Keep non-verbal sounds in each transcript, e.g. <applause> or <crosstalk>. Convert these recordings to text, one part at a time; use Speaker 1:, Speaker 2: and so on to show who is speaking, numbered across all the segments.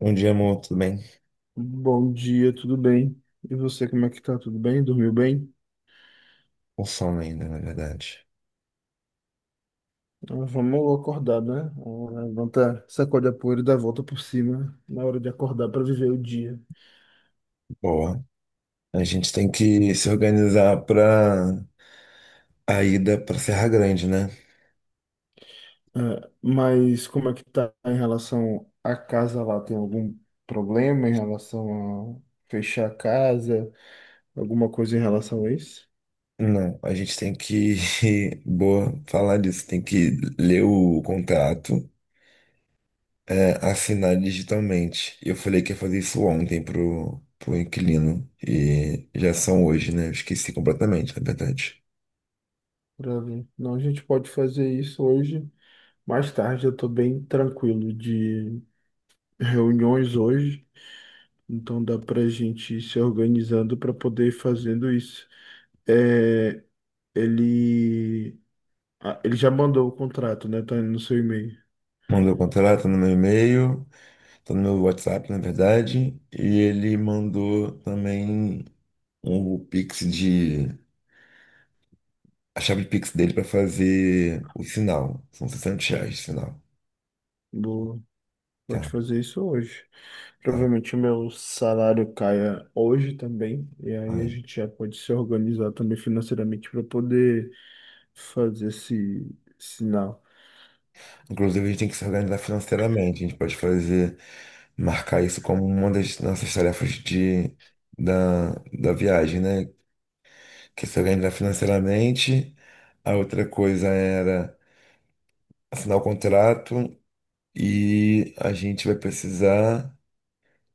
Speaker 1: Bom dia, amor, tudo bem?
Speaker 2: Bom dia, tudo bem? E você, como é que tá? Tudo bem? Dormiu bem?
Speaker 1: O sono ainda, na verdade.
Speaker 2: Ah, vamos acordar, né? Ah, levanta, sacode a poeira e dá a volta por cima na hora de acordar para viver o dia.
Speaker 1: Boa. A gente tem que se organizar para a ida para Serra Grande, né?
Speaker 2: Ah, mas como é que tá em relação à casa lá? Tem algum problema em relação a fechar a casa? Alguma coisa em relação a isso?
Speaker 1: Não, a gente tem que. <laughs> Boa, falar disso. Tem que ler o contrato, é, assinar digitalmente. Eu falei que ia fazer isso ontem pro inquilino. E já são hoje, né? Eu esqueci completamente, na verdade.
Speaker 2: Pra ver. Não, a gente pode fazer isso hoje. Mais tarde, eu tô bem tranquilo de reuniões hoje. Então dá para a gente ir se organizando para poder ir fazendo isso. É, ele, ele já mandou o contrato, né? Tá no seu e-mail.
Speaker 1: Mandou o contrato no meu e-mail, tá no meu WhatsApp, na verdade. E ele mandou também, um Pix de. A chave de Pix dele para fazer o sinal. São R$ 60 de sinal.
Speaker 2: Boa. Pode
Speaker 1: Tá,
Speaker 2: fazer isso hoje.
Speaker 1: tá.
Speaker 2: Provavelmente o meu salário caia hoje também. E aí a
Speaker 1: Aí.
Speaker 2: gente já pode se organizar também financeiramente para poder fazer esse sinal.
Speaker 1: Inclusive, a gente tem que se organizar financeiramente. A gente pode fazer, marcar isso como uma das nossas tarefas de, da, da viagem, né? Que é se organizar financeiramente. A outra coisa era assinar o contrato e a gente vai precisar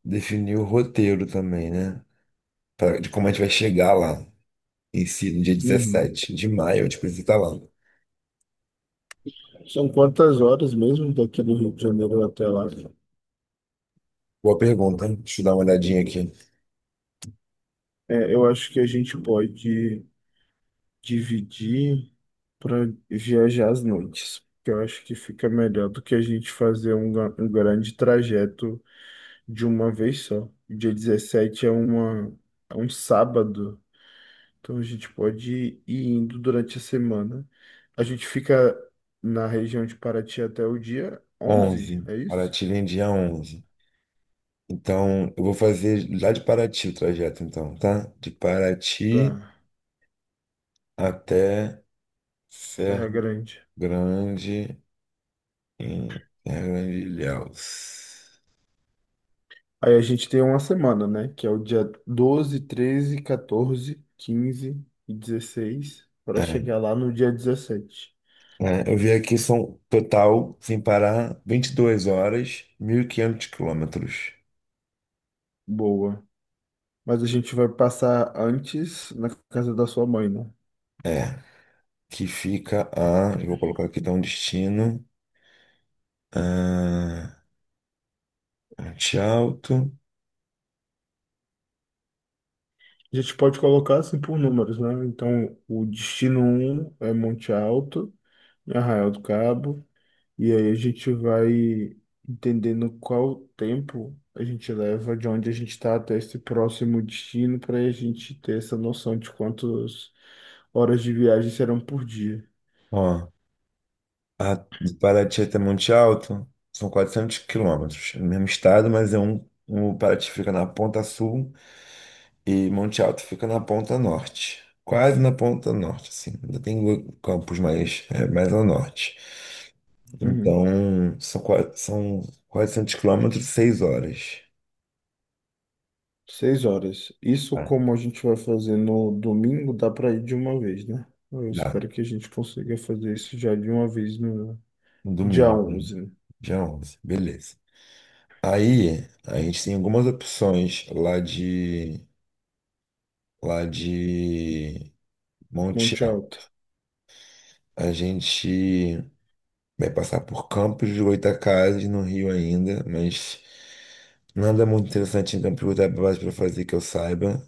Speaker 1: definir o roteiro também, né? De como a gente vai chegar lá. Em si, no dia
Speaker 2: Uhum.
Speaker 1: 17 de maio, eu te preciso estar lá.
Speaker 2: São quantas horas mesmo daqui do Rio de Janeiro até lá?
Speaker 1: Boa pergunta, hein? Deixa eu dar uma olhadinha aqui.
Speaker 2: É, eu acho que a gente pode dividir para viajar às noites. Que Eu acho que fica melhor do que a gente fazer um grande trajeto de uma vez só. Dia 17 é um sábado, então a gente pode ir indo durante a semana. A gente fica na região de Paraty até o dia 11,
Speaker 1: 11.
Speaker 2: é isso?
Speaker 1: Paraty vem dia 11. Então, eu vou fazer lá de Paraty o trajeto, então, tá? De Paraty
Speaker 2: Tá,
Speaker 1: até Serra
Speaker 2: Terra Grande.
Speaker 1: Grande, em Serra Grande de Ilhéus.
Speaker 2: Aí a gente tem uma semana, né? Que é o dia 12, 13, 14, 15 e 16 para
Speaker 1: É,
Speaker 2: chegar lá no dia 17.
Speaker 1: é, eu vi aqui, são total, sem parar, 22 horas, 1.500 quilômetros.
Speaker 2: Boa. Mas a gente vai passar antes na casa da sua mãe, né?
Speaker 1: É, que fica a. Eu vou colocar aqui, dá um destino. Ah, Monte Alto.
Speaker 2: A gente pode colocar assim por números, né? Então, o destino um é Monte Alto, em Arraial do Cabo, e aí a gente vai entendendo qual tempo a gente leva de onde a gente está até esse próximo destino para a gente ter essa noção de quantas horas de viagem serão por dia.
Speaker 1: Ó, a, de Paraty até Monte Alto são 400 km. É o mesmo estado, mas é o Paraty fica na ponta sul e Monte Alto fica na ponta norte. Quase na ponta norte, assim. Ainda tem campos mais, é, mais ao norte.
Speaker 2: Uhum.
Speaker 1: Então, são 400 km, 6 horas.
Speaker 2: Seis horas. Isso
Speaker 1: Tá.
Speaker 2: como a gente vai fazer no domingo, dá para ir de uma vez, né? Eu
Speaker 1: Dá.
Speaker 2: espero que a gente consiga fazer isso já de uma vez no
Speaker 1: No
Speaker 2: dia
Speaker 1: domingo,
Speaker 2: 11, né?
Speaker 1: dia 11, beleza. Aí, a gente tem algumas opções lá de Monte
Speaker 2: Monte
Speaker 1: Tiago.
Speaker 2: Alto.
Speaker 1: A gente vai passar por Campos de Goytacazes, no Rio ainda, mas nada muito interessante em Campos de Goytacazes para fazer que eu saiba,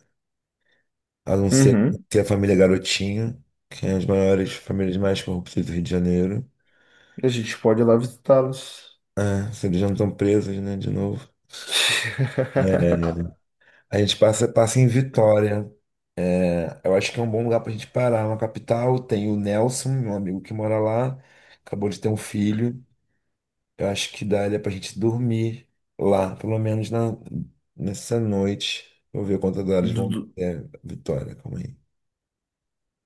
Speaker 1: a não ser
Speaker 2: Uhum.
Speaker 1: ter a família Garotinho, que é uma das maiores famílias mais corruptas do Rio de Janeiro.
Speaker 2: A gente pode ir lá visitá-los.
Speaker 1: Ah, se eles já não estão presos, né, de novo.
Speaker 2: <laughs>
Speaker 1: É, a gente passa em Vitória. É, eu acho que é um bom lugar pra gente parar. É uma capital, tem o Nelson, meu amigo que mora lá, acabou de ter um filho. Eu acho que daria pra gente dormir lá, pelo menos nessa noite. Vou ver quantas horas
Speaker 2: Do-
Speaker 1: vão dar
Speaker 2: do-
Speaker 1: até Vitória, calma aí.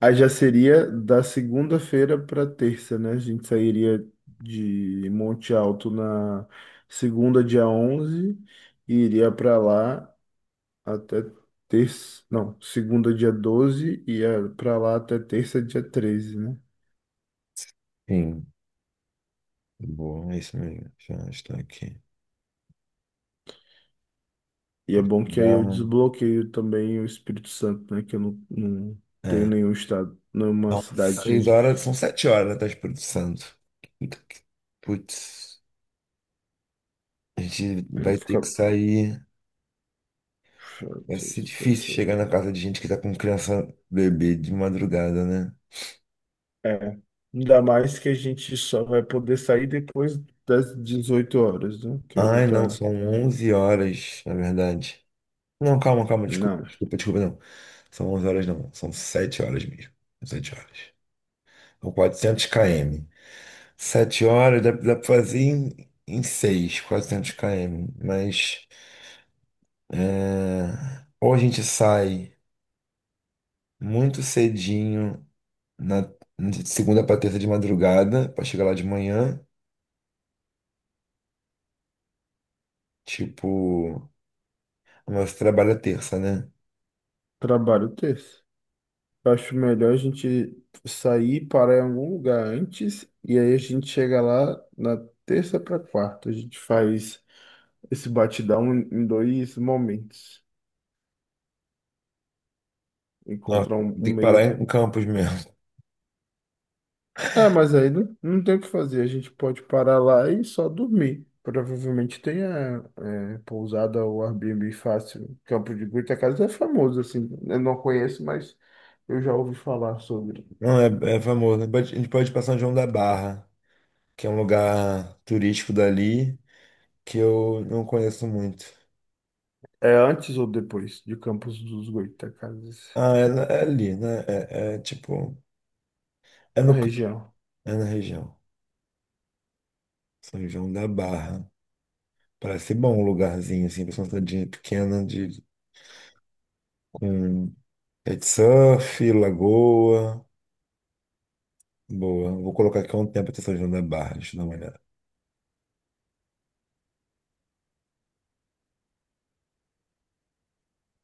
Speaker 2: Aí já seria da segunda-feira para terça, né? A gente sairia de Monte Alto na segunda, dia 11, e iria para lá até terça, não, segunda dia 12 e é pra lá até terça dia 13, né?
Speaker 1: Sim, bom, é isso mesmo. Já estou aqui.
Speaker 2: E é bom que aí
Speaker 1: Dá,
Speaker 2: eu desbloqueio também o Espírito Santo, né? Que eu não, não tenho
Speaker 1: é.
Speaker 2: nenhum estado, nenhuma
Speaker 1: São seis
Speaker 2: cidade.
Speaker 1: horas, são 7 horas até o Espírito Santo. Puta que- Putz, a gente
Speaker 2: Não
Speaker 1: vai ter
Speaker 2: fica.
Speaker 1: que sair. Vai ser
Speaker 2: Seis
Speaker 1: difícil
Speaker 2: sete,
Speaker 1: chegar
Speaker 2: oito,
Speaker 1: na casa
Speaker 2: nove.
Speaker 1: de gente que tá com criança bebê de madrugada, né?
Speaker 2: É. Ainda mais que a gente só vai poder sair depois das 18 horas, né? Que eu vou
Speaker 1: Ai, não,
Speaker 2: estar.
Speaker 1: são 11 horas, na verdade. Não, calma, calma, desculpa,
Speaker 2: Não,
Speaker 1: desculpa, desculpa, não. São 11 horas, não. São 7 horas mesmo. 7 horas. São 400 km. 7 horas dá pra fazer em 6, 400 km. Mas é, ou a gente sai muito cedinho, na, de segunda pra terça de madrugada, pra chegar lá de manhã. Tipo, mas você trabalha terça, né?
Speaker 2: trabalho terça. Eu acho melhor a gente sair, parar em algum lugar antes, e aí a gente chega lá na terça para quarta. A gente faz esse batidão em dois momentos.
Speaker 1: Nossa,
Speaker 2: Encontrar um
Speaker 1: tem que parar
Speaker 2: meio.
Speaker 1: em Campos mesmo.
Speaker 2: É, mas aí não, não tem o que fazer. A gente pode parar lá e só dormir. Provavelmente tenha é, pousada ou Airbnb fácil. Campo de Goytacazes é famoso, assim. Eu não conheço, mas eu já ouvi falar sobre.
Speaker 1: Não, é famoso. A gente pode ir pra São João da Barra, que é um lugar turístico dali que eu não conheço muito.
Speaker 2: É antes ou depois de Campos dos Goytacazes?
Speaker 1: Ah, é, é ali, né? É tipo, é
Speaker 2: A
Speaker 1: no, campo,
Speaker 2: região.
Speaker 1: é na região, São João da Barra. Parece bom um lugarzinho assim, pra uma cidadinha pequena de com pet de surf, lagoa, boa. Vou colocar aqui um tempo até São João da Barra, deixa eu dar uma olhada.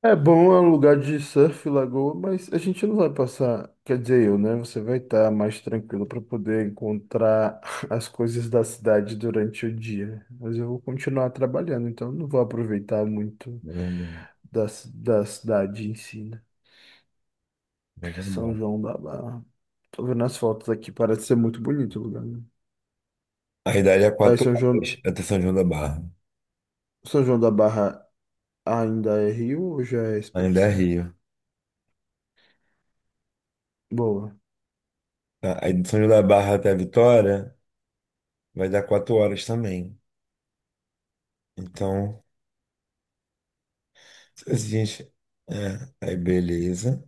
Speaker 2: É bom, é um lugar de surf, lagoa, mas a gente não vai passar, quer dizer, eu, né? Você vai estar mais tranquilo para poder encontrar <laughs> as coisas da cidade durante o dia. Mas eu vou continuar trabalhando, então não vou aproveitar muito da cidade em si, né?
Speaker 1: São João da
Speaker 2: São
Speaker 1: Barra.
Speaker 2: João da Barra. Tô vendo as fotos aqui, parece ser muito bonito o lugar, né?
Speaker 1: Aí daria é
Speaker 2: Aí
Speaker 1: quatro horas até São João da Barra.
Speaker 2: São João da Barra ainda é Rio ou já é Espírito
Speaker 1: Ainda é
Speaker 2: Santo?
Speaker 1: Rio.
Speaker 2: Boa.
Speaker 1: Tá. Aí de São João da Barra até a Vitória vai dar 4 horas também. Então a gente... É, aí beleza.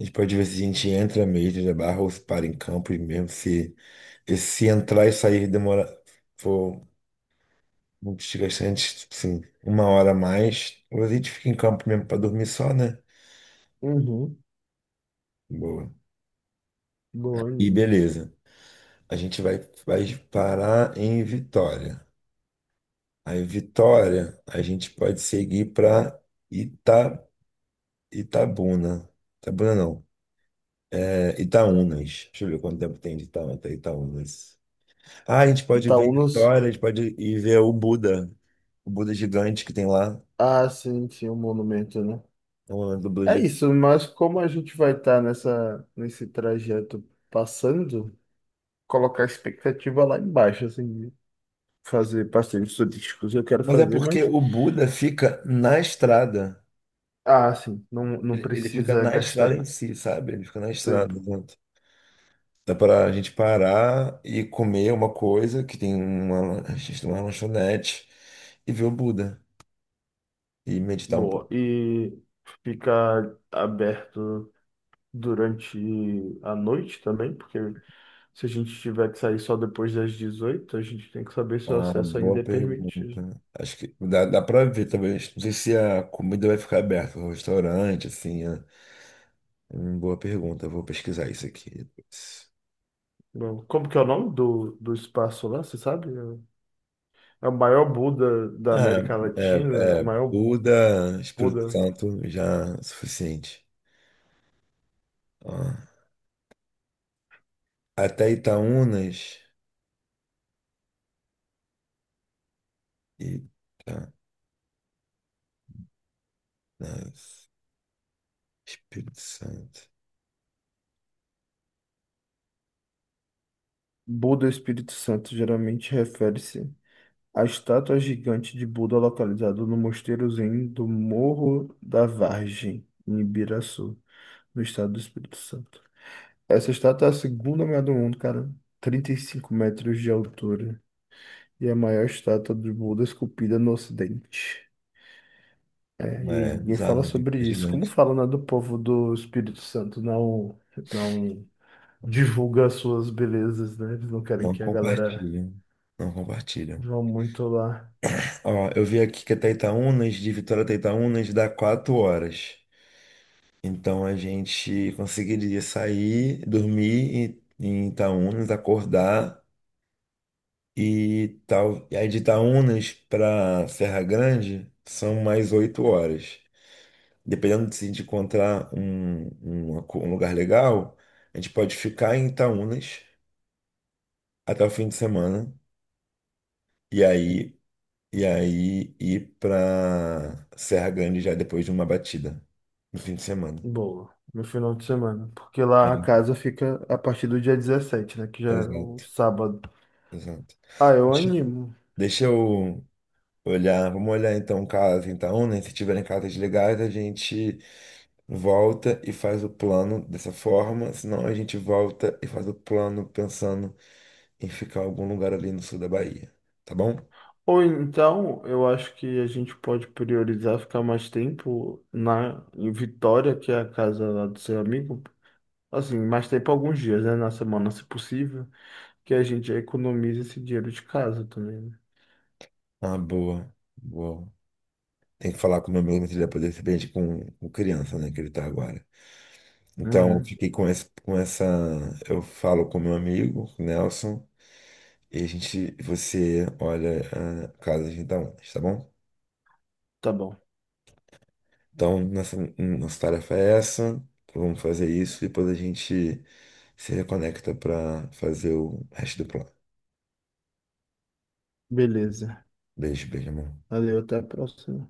Speaker 1: A gente pode ver se a gente entra mesmo na barra ou se para em campo e mesmo se entrar e sair demora for muito desgastante, sim uma hora a mais, ou a gente fica em campo mesmo para dormir só, né?
Speaker 2: Uhum.
Speaker 1: Boa.
Speaker 2: Boa,
Speaker 1: E
Speaker 2: Nino.
Speaker 1: beleza. A gente vai parar em Vitória. Aí Vitória, a gente pode seguir para Ita, Itabuna. Itabuna não, é Itaúnas. Deixa eu ver quanto tempo tem de Itaúna até Itaúnas. Ah, a gente pode ver
Speaker 2: Itaúnas.
Speaker 1: Vitória, a gente pode ir ver o Buda gigante que tem lá.
Speaker 2: Ah, sim, sim, o monumento, né?
Speaker 1: É um monumento do Buda
Speaker 2: É
Speaker 1: gigante.
Speaker 2: isso, mas como a gente vai estar nessa, nesse trajeto passando, colocar a expectativa lá embaixo, assim, de fazer passeios turísticos eu quero
Speaker 1: Mas é
Speaker 2: fazer,
Speaker 1: porque
Speaker 2: mas.
Speaker 1: o Buda fica na estrada.
Speaker 2: Ah, sim, não, não
Speaker 1: Ele fica
Speaker 2: precisa
Speaker 1: na estrada
Speaker 2: gastar
Speaker 1: em si, sabe? Ele fica na estrada.
Speaker 2: tempo.
Speaker 1: Exato. Dá para a gente parar e comer uma coisa que tem uma, a gente tem uma lanchonete e ver o Buda e meditar um
Speaker 2: Boa.
Speaker 1: pouco.
Speaker 2: E fica aberto durante a noite também, porque se a gente tiver que sair só depois das 18, a gente tem que saber se o
Speaker 1: Ah,
Speaker 2: acesso
Speaker 1: boa
Speaker 2: ainda é permitido.
Speaker 1: pergunta. Acho que dá para ver, talvez. Não sei se a comida vai ficar aberta, o restaurante, assim, né? Boa pergunta, vou pesquisar isso aqui, depois.
Speaker 2: Bom, como que é o nome do espaço lá, você sabe? É o maior Buda da
Speaker 1: Ah,
Speaker 2: América Latina,
Speaker 1: é,
Speaker 2: o
Speaker 1: é,
Speaker 2: maior
Speaker 1: Buda, Espírito
Speaker 2: Buda.
Speaker 1: Santo, já é suficiente. Ó, até Itaúnas, Itaúnas, Espírito Santo.
Speaker 2: Buda Espírito Santo geralmente refere-se à estátua gigante de Buda localizada no mosteiro Zen do Morro da Vargem, em Ibiraçu, no estado do Espírito Santo. Essa estátua é a segunda maior do mundo, cara, 35 metros de altura, e é a maior estátua de Buda esculpida no Ocidente. É, e
Speaker 1: É,
Speaker 2: ninguém fala
Speaker 1: bizarro,
Speaker 2: sobre
Speaker 1: é
Speaker 2: isso. Como
Speaker 1: gigante.
Speaker 2: fala, né, do povo do Espírito Santo não divulga as suas belezas, né? Eles não querem
Speaker 1: Não
Speaker 2: que a galera
Speaker 1: compartilham, não compartilham.
Speaker 2: vá muito lá.
Speaker 1: Ó, eu vi aqui que até Itaúnas, de Vitória até Itaúnas, dá 4 horas. Então a gente conseguiria sair, dormir em Itaúnas, acordar e tal, e aí de Itaúnas para Serra Grande são mais 8 horas. Dependendo de se a gente encontrar um lugar legal, a gente pode ficar em Itaúnas até o fim de semana e aí e aí ir para Serra Grande já depois de uma batida no fim de semana.
Speaker 2: Boa, no final de semana. Porque
Speaker 1: É,
Speaker 2: lá a casa fica a partir do dia 17, né? Que já é o
Speaker 1: exato,
Speaker 2: sábado.
Speaker 1: exato.
Speaker 2: Ah, eu
Speaker 1: Deixa
Speaker 2: animo.
Speaker 1: deixa eu olhar, vamos olhar então casa em Itaúnas, se tiverem casas legais, a gente volta e faz o plano dessa forma, senão a gente volta e faz o plano pensando em ficar em algum lugar ali no sul da Bahia, tá bom?
Speaker 2: Ou então, eu acho que a gente pode priorizar ficar mais tempo na em Vitória, que é a casa lá do seu amigo. Assim, mais tempo alguns dias, né? Na semana, se possível. Que a gente já economiza esse dinheiro de casa também, né?
Speaker 1: Ah, boa, boa. Tem que falar com meu amigo se ele vai poder ser presente com criança, né, que ele tá agora. Então, eu
Speaker 2: Uhum.
Speaker 1: fiquei com esse, com essa, eu falo com meu amigo, com o Nelson, e a gente, você olha a casa de gente dá ondas, tá bom?
Speaker 2: Tá bom.
Speaker 1: Então, nossa, nossa tarefa é essa. Então vamos fazer isso e depois a gente se reconecta para fazer o resto do plano.
Speaker 2: Beleza.
Speaker 1: Beijo, beijo, amor.
Speaker 2: Valeu, até a próxima.